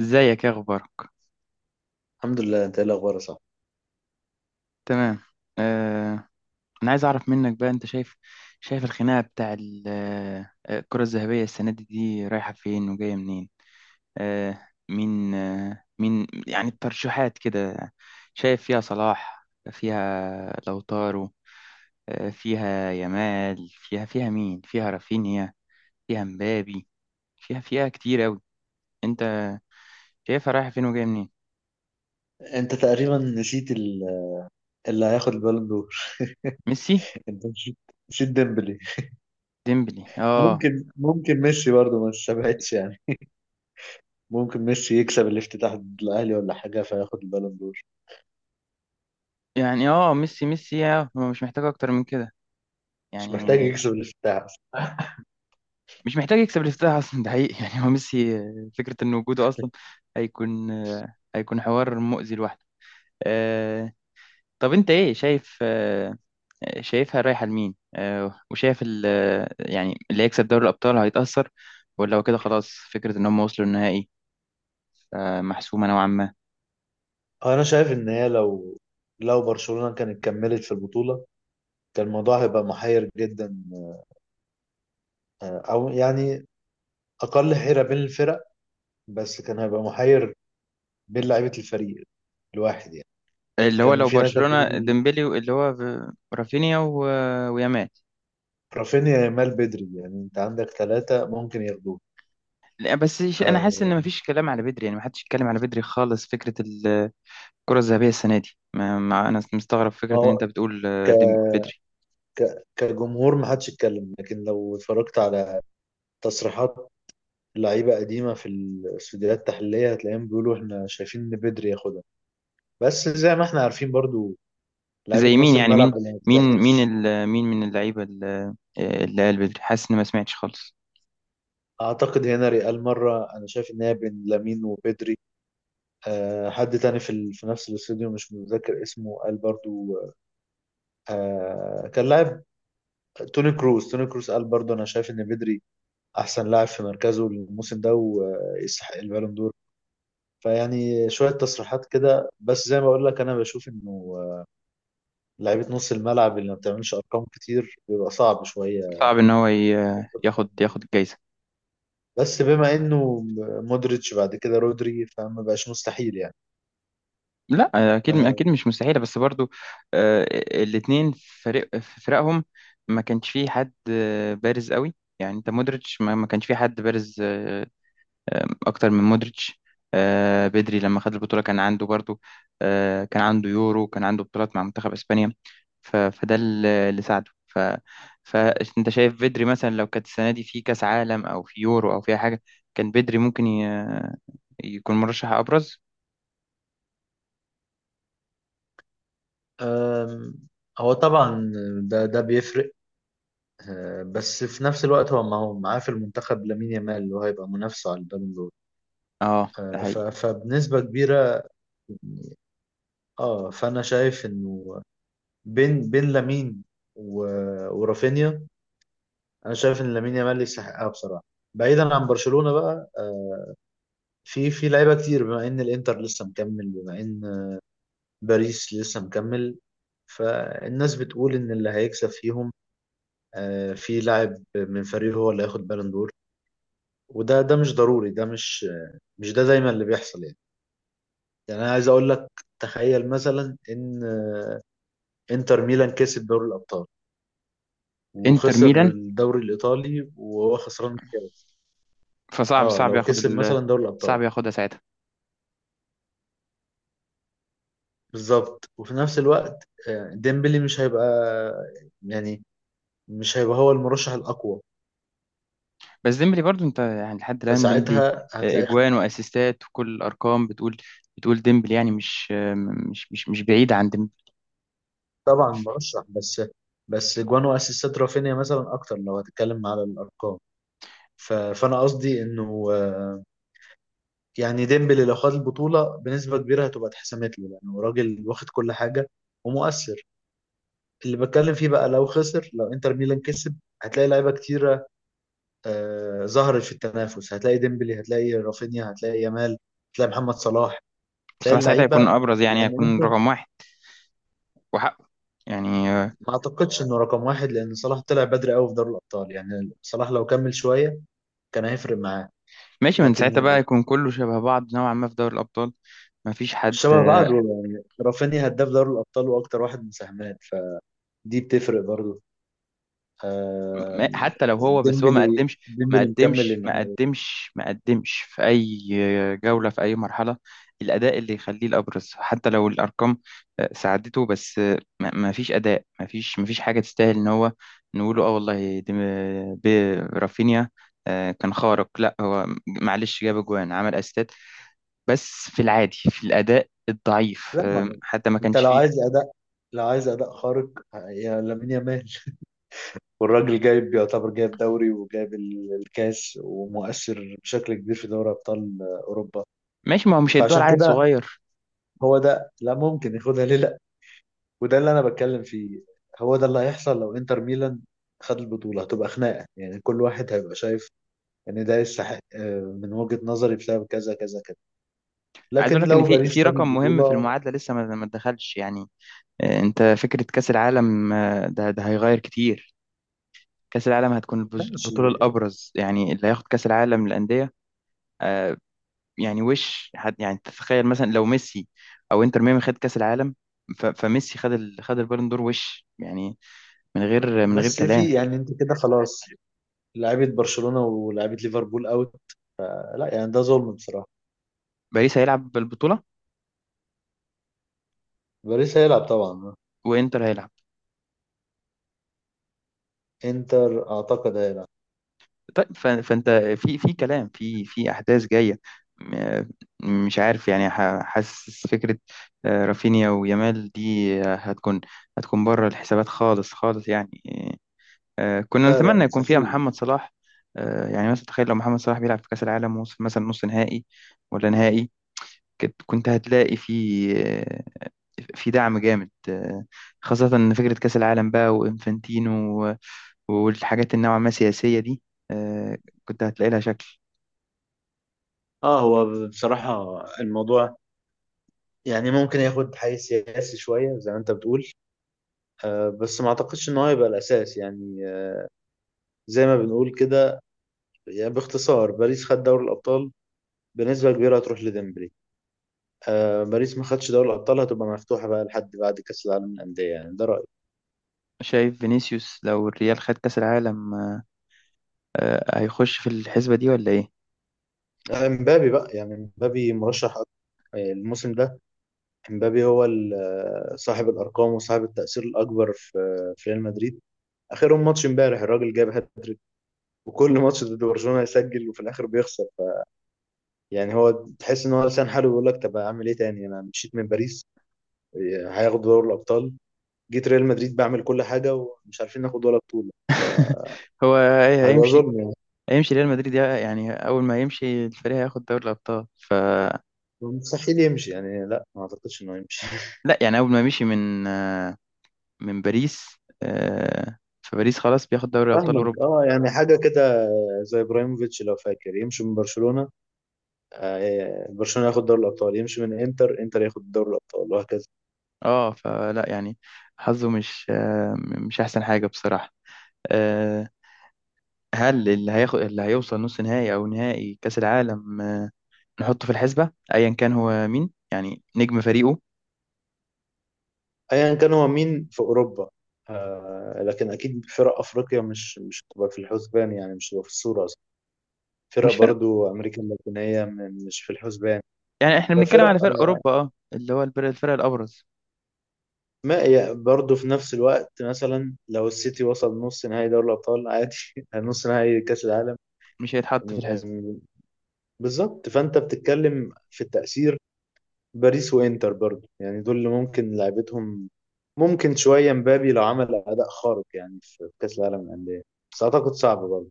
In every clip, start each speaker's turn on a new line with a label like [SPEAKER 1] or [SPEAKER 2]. [SPEAKER 1] ازيك يا اخبارك؟
[SPEAKER 2] الحمد لله. انت ايه الاخبار؟ صح،
[SPEAKER 1] تمام. آه. انا عايز اعرف منك بقى، انت شايف الخناقه بتاع الكره الذهبيه السنه دي، رايحه فين وجايه منين؟ مين، يعني الترشيحات كده؟ شايف فيها صلاح، فيها لوتارو، فيها يامال، فيها مين؟ فيها رافينيا، فيها مبابي، فيها كتير قوي. انت شايفها رايحه فين وجايه منين؟
[SPEAKER 2] انت تقريبا نسيت اللي هياخد البالون دور.
[SPEAKER 1] ميسي.
[SPEAKER 2] انت نسيت نسيت ديمبلي.
[SPEAKER 1] ديمبلي، اه.
[SPEAKER 2] ممكن ميسي برضه ما استبعدش يعني. ممكن ميسي يكسب الافتتاح ضد الاهلي ولا حاجه فياخد البالون دور.
[SPEAKER 1] يعني ميسي، هو مش محتاج اكتر من كده،
[SPEAKER 2] مش محتاج
[SPEAKER 1] يعني.
[SPEAKER 2] يكسب الافتتاح اصلا.
[SPEAKER 1] مش محتاج يكسب الافتتاح اصلا، ده حقيقي. يعني هو ميسي، فكره ان وجوده اصلا هيكون حوار مؤذي لوحده. آه، طب، انت ايه شايف؟ شايفها رايحه لمين؟ وشايف يعني اللي هيكسب دوري الابطال هيتاثر، ولا هو كده خلاص؟ فكره ان هم وصلوا النهائي، محسومه نوعا ما.
[SPEAKER 2] هو انا شايف ان هي لو برشلونه كانت كملت في البطوله كان الموضوع هيبقى محير جدا، او يعني اقل حيره بين الفرق، بس كان هيبقى محير بين لعيبه الفريق الواحد يعني.
[SPEAKER 1] اللي هو
[SPEAKER 2] كان
[SPEAKER 1] لو
[SPEAKER 2] في ناس
[SPEAKER 1] برشلونه
[SPEAKER 2] هتقول
[SPEAKER 1] ديمبلي، اللي هو رافينيا ويامال.
[SPEAKER 2] رافينيا، يامال، بدري، يعني انت عندك ثلاثة ممكن ياخدوه.
[SPEAKER 1] لا، بس انا
[SPEAKER 2] آه،
[SPEAKER 1] حاسس ان مفيش كلام على بدري، يعني محدش يتكلم على بدري خالص. فكره الكرة الذهبية السنة دي، ما أنا مستغرب
[SPEAKER 2] ما
[SPEAKER 1] فكرة إن
[SPEAKER 2] هو
[SPEAKER 1] أنت بتقول
[SPEAKER 2] ك...
[SPEAKER 1] بدري.
[SPEAKER 2] كجمهور ما حدش يتكلم، لكن لو اتفرجت على تصريحات لعيبة قديمة في الاستوديوهات التحليلية هتلاقيهم بيقولوا احنا شايفين ان بدري ياخدها. بس زي ما احنا عارفين برضو لعيبة
[SPEAKER 1] زي مين؟
[SPEAKER 2] نص
[SPEAKER 1] يعني مين
[SPEAKER 2] الملعب اللي ما
[SPEAKER 1] مين
[SPEAKER 2] بتعملش.
[SPEAKER 1] مين مين من اللعيبة اللي قال بدري؟ حاسس إن ما سمعتش خالص.
[SPEAKER 2] اعتقد هنا ريال مرة انا شايف ان هي بين لامين وبدري. أه، حد تاني في نفس الاستوديو مش متذكر اسمه قال برضو، أه كان لاعب، توني كروس قال برضو انا شايف ان بدري احسن لاعب في مركزه الموسم ده ويستحق البالون دور. فيعني شويه تصريحات كده، بس زي ما بقول لك انا بشوف انه لعيبه نص الملعب اللي ما بتعملش ارقام كتير بيبقى صعب شويه.
[SPEAKER 1] صعب إن هو ياخد الجايزة.
[SPEAKER 2] بس بما انه مودريتش بعد كده رودري فما بقاش مستحيل يعني.
[SPEAKER 1] لا، أكيد أكيد
[SPEAKER 2] أم،
[SPEAKER 1] مش مستحيلة، بس برضو آه، الاتنين فريق في فرقهم ما كانش فيه حد بارز قوي. يعني أنت مودريتش، ما كانش فيه حد بارز اكتر من مودريتش. بدري لما خد البطوله كان عنده برضو، كان عنده يورو، كان عنده بطولات مع منتخب اسبانيا. فده اللي ساعده، ف. فانت شايف بدري مثلا لو كانت السنه دي في كاس عالم او في يورو او في أي حاجه، كان بدري ممكن يكون مرشح ابرز.
[SPEAKER 2] آم، هو طبعا ده بيفرق. أه، بس في نفس الوقت هو ما هو معاه في المنتخب لامين يامال اللي هو هيبقى منافسه على البالون دور.
[SPEAKER 1] اه، ده
[SPEAKER 2] أه،
[SPEAKER 1] حقيقي.
[SPEAKER 2] فبنسبه كبيره. اه فانا شايف انه بين لامين و... ورافينيا. انا شايف ان لامين يامال يستحقها بصراحه، بعيدا عن برشلونه بقى. آه، في لعيبه كتير بما ان الانتر لسه مكمل، بما ان باريس لسه مكمل. فالناس بتقول ان اللي هيكسب فيهم، آه، في لاعب من فريقه هو اللي هياخد بالون دور. وده مش ضروري، ده مش دايما اللي بيحصل يعني. يعني انا عايز اقول لك، تخيل مثلا ان انتر ميلان كسب دوري الابطال
[SPEAKER 1] انتر
[SPEAKER 2] وخسر
[SPEAKER 1] ميلان.
[SPEAKER 2] الدوري الايطالي وهو خسران.
[SPEAKER 1] فصعب
[SPEAKER 2] اه
[SPEAKER 1] صعب
[SPEAKER 2] لو
[SPEAKER 1] ياخد
[SPEAKER 2] كسب مثلا دوري الابطال.
[SPEAKER 1] صعب ياخدها ساعتها.
[SPEAKER 2] بالظبط، وفي نفس الوقت آه، ديمبلي مش هيبقى يعني مش هيبقى هو المرشح الاقوى،
[SPEAKER 1] بس ديمبلي برضو، انت يعني، لحد الان ديمبلي
[SPEAKER 2] فساعتها هتلاقي
[SPEAKER 1] اجوان
[SPEAKER 2] خناقه.
[SPEAKER 1] واسيستات وكل الارقام بتقول ديمبلي، يعني مش آه، مش مش مش بعيد عن ديمبلي.
[SPEAKER 2] طبعا مرشح، بس بس جوان واسيستات رافينيا مثلا اكتر لو هتتكلم على الارقام. فانا قصدي انه، آه، يعني ديمبلي لو خد البطوله بنسبه كبيره هتبقى اتحسمت له، لانه راجل واخد كل حاجه ومؤثر. اللي بتكلم فيه بقى لو خسر، لو انتر ميلان كسب هتلاقي لعيبه كتير آه، ظهرت في التنافس. هتلاقي ديمبلي، هتلاقي رافينيا، هتلاقي يامال، هتلاقي محمد صلاح، هتلاقي
[SPEAKER 1] بصراحة ساعتها هيكون
[SPEAKER 2] اللعيبه.
[SPEAKER 1] أبرز، يعني
[SPEAKER 2] لان
[SPEAKER 1] هيكون
[SPEAKER 2] انت،
[SPEAKER 1] رقم واحد وحقه، يعني.
[SPEAKER 2] ما اعتقدش انه رقم واحد، لان صلاح طلع بدري قوي في دوري الابطال. يعني صلاح لو كمل شويه كان هيفرق معاه.
[SPEAKER 1] ماشي، من ساعتها
[SPEAKER 2] لكن
[SPEAKER 1] بقى يكون كله شبه بعض نوعا ما في دوري الأبطال. ما فيش
[SPEAKER 2] مش
[SPEAKER 1] حد.
[SPEAKER 2] شبه بعض يعني، رافينيا هداف دوري الابطال واكتر واحد مساهمات، فدي بتفرق برضو. آه،
[SPEAKER 1] حتى لو هو، بس هو ما
[SPEAKER 2] ديمبلي
[SPEAKER 1] قدمش ما
[SPEAKER 2] ديمبلي مكمل
[SPEAKER 1] قدمش ما
[SPEAKER 2] النهائي.
[SPEAKER 1] قدمش ما قدمش في أي جولة، في أي مرحلة. الأداء اللي يخليه الأبرز، حتى لو الأرقام ساعدته، بس ما فيش أداء، ما فيش حاجة تستاهل إن هو نقوله آه والله دي رافينيا. كان خارق؟ لا، هو معلش جاب أجوان، عمل أسيستات، بس في العادي، في الاداء الضعيف،
[SPEAKER 2] لا، ما
[SPEAKER 1] حتى ما
[SPEAKER 2] انت
[SPEAKER 1] كانش فيه.
[SPEAKER 2] لو عايز اداء خارق يا لامين يامال. والراجل جايب يعتبر جايب دوري وجايب الكاس ومؤثر بشكل كبير في دوري ابطال اوروبا.
[SPEAKER 1] ماشي، ما هو مش هيدوها
[SPEAKER 2] فعشان
[SPEAKER 1] لعيل
[SPEAKER 2] كده
[SPEAKER 1] صغير.
[SPEAKER 2] هو ده، لا ممكن ياخدها ليه، لا. وده اللي انا بتكلم فيه، هو ده اللي هيحصل لو انتر ميلان خد البطوله. هتبقى خناقه يعني، كل واحد هيبقى شايف ان ده يستحق آه، من وجهه نظري بسبب كذا كذا كذا.
[SPEAKER 1] عايز
[SPEAKER 2] لكن
[SPEAKER 1] اقول لك ان
[SPEAKER 2] لو
[SPEAKER 1] في
[SPEAKER 2] باريس خد
[SPEAKER 1] رقم مهم في
[SPEAKER 2] البطوله،
[SPEAKER 1] المعادله لسه ما اتدخلش، يعني. أه، انت فكره كاس العالم، ده هيغير كتير. كاس العالم هتكون
[SPEAKER 2] ماشي.
[SPEAKER 1] البطوله الابرز، يعني اللي هياخد كاس العالم للانديه. أه، يعني وش حد، يعني تتخيل مثلا لو ميسي او انتر ميامي خد كاس العالم، فميسي خد خد البالون دور، وش يعني؟ من غير
[SPEAKER 2] بس في
[SPEAKER 1] كلام.
[SPEAKER 2] يعني انت كده خلاص، لعيبه برشلونه ولعيبه ليفربول اوت، لا يعني ده ظلم بصراحه.
[SPEAKER 1] باريس هيلعب بالبطوله،
[SPEAKER 2] باريس هيلعب طبعا،
[SPEAKER 1] وانتر هيلعب.
[SPEAKER 2] انتر اعتقد هيلعب.
[SPEAKER 1] طيب، فانت في كلام، في احداث جايه، م- مش عارف، يعني حاسس. فكره رافينيا ويامال دي هتكون بره الحسابات، خالص خالص، يعني. كنا
[SPEAKER 2] لا لا
[SPEAKER 1] نتمنى يكون فيها
[SPEAKER 2] مستحيل.
[SPEAKER 1] محمد صلاح. يعني مثلا تخيل لو محمد صلاح بيلعب في كاس العالم ووصل مثلا نص نهائي ولا نهائي، كنت هتلاقي آه، في دعم جامد، خاصة إن فكرة كأس العالم بقى وإنفانتينو والحاجات النوعا ما سياسية دي، آه، كنت هتلاقي لها شكل.
[SPEAKER 2] اه هو بصراحة الموضوع يعني ممكن ياخد حيز سياسي شوية زي ما انت بتقول، آه بس ما اعتقدش ان هو هيبقى الاساس يعني. آه زي ما بنقول كده، يعني باختصار باريس خد دوري الابطال بنسبة كبيرة هتروح لديمبلي. آه باريس ما خدش دوري الابطال هتبقى مفتوحة بقى لحد بعد كاس العالم للأندية، يعني ده رأيي.
[SPEAKER 1] شايف فينيسيوس لو الريال خد كأس العالم هيخش في الحسبة دي ولا ايه؟
[SPEAKER 2] آه، امبابي بقى يعني امبابي مرشح أكتر. آه، الموسم ده امبابي هو آه، صاحب الارقام وصاحب التأثير الاكبر في ريال مدريد. اخرهم ماتش امبارح الراجل جاب هاتريك، وكل ماتش ضد برشلونه يسجل وفي الاخر بيخسر يعني هو تحس ان هو لسان حاله بيقول لك طب اعمل ايه تاني؟ انا مشيت من باريس هياخد دوري الابطال، جيت ريال مدريد بعمل كل حاجه ومش عارفين ناخد ولا بطوله،
[SPEAKER 1] هو
[SPEAKER 2] فهيبقى
[SPEAKER 1] هيمشي
[SPEAKER 2] ظلم يعني.
[SPEAKER 1] هيمشي ريال مدريد، يعني اول ما يمشي الفريق هياخد دوري الابطال، ف.
[SPEAKER 2] مستحيل يمشي يعني، لا ما اعتقدش انه يمشي.
[SPEAKER 1] لا، يعني اول ما مشي من من باريس، فباريس خلاص بياخد دوري ابطال
[SPEAKER 2] فاهمك،
[SPEAKER 1] اوروبا.
[SPEAKER 2] اه يعني حاجه كده زي ابراهيموفيتش لو فاكر، يمشي من برشلونه آه، برشلونه ياخد دوري الابطال، يمشي من انتر، انتر ياخد دوري الابطال، وهكذا.
[SPEAKER 1] اه فلا، يعني حظه مش احسن حاجة، بصراحة. آه، هل اللي هياخد اللي هيوصل نص نهائي او نهائي كأس العالم نحطه في الحسبة ايا كان هو مين، يعني نجم فريقه؟
[SPEAKER 2] ايا كان هو مين في اوروبا. آه لكن اكيد فرق افريقيا مش هتبقى في الحسبان يعني، مش هتبقى في الصوره اصلا. فرق
[SPEAKER 1] مش،
[SPEAKER 2] برضو امريكا اللاتينيه مش في الحسبان.
[SPEAKER 1] يعني احنا بنتكلم
[SPEAKER 2] ففرق
[SPEAKER 1] على فرق
[SPEAKER 2] آه،
[SPEAKER 1] اوروبا، اللي هو الفرق الابرز.
[SPEAKER 2] ما يعني برضو في نفس الوقت مثلا لو السيتي وصل نص نهائي دوري الابطال عادي، نص نهائي كاس العالم.
[SPEAKER 1] مش هيتحط
[SPEAKER 2] م-
[SPEAKER 1] في الحزب.
[SPEAKER 2] م- بالظبط، فانت بتتكلم في التاثير. باريس وانتر برضو يعني دول اللي ممكن لعبتهم، ممكن شويه مبابي لو عمل اداء خارق يعني في كاس العالم للانديه، بس اعتقد صعب برضو.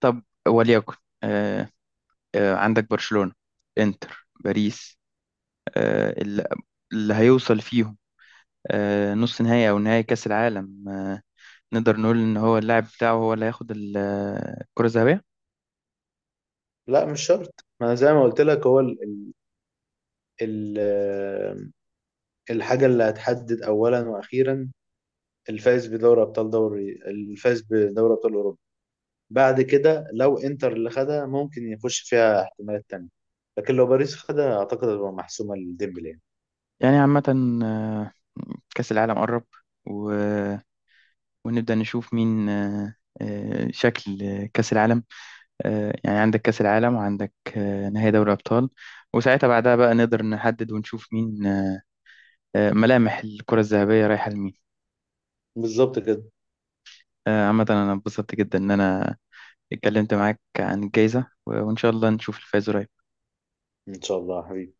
[SPEAKER 1] طب، وليكن، آه عندك برشلونة، انتر، باريس، آه، اللي هيوصل فيهم نص نهائي او نهائي كاس العالم، نقدر نقول ان هو اللاعب بتاعه هو اللي هياخد الكرة الذهبية.
[SPEAKER 2] لا مش شرط، ما انا زي ما قلت لك هو ال ال- الحاجه اللي هتحدد اولا واخيرا الفائز بدوري ابطال، الفائز بدوري ابطال اوروبا. بعد كده لو انتر اللي خدها ممكن يخش فيها احتمالات تانية، لكن لو باريس خدها اعتقد هتبقى محسومه لديمبلي يعني.
[SPEAKER 1] يعني عامة، آه كاس العالم قرب، و... ونبدأ نشوف مين، شكل كاس العالم. يعني عندك كأس العالم، وعندك نهائي دوري أبطال، وساعتها بعدها بقى نقدر نحدد ونشوف مين. ملامح الكرة الذهبية رايحة لمين؟
[SPEAKER 2] بالظبط كده.
[SPEAKER 1] عامة، أنا اتبسطت جدا إن أنا اتكلمت معاك عن الجايزة، وإن شاء الله نشوف الفائز قريب.
[SPEAKER 2] ان شاء الله يا حبيبي.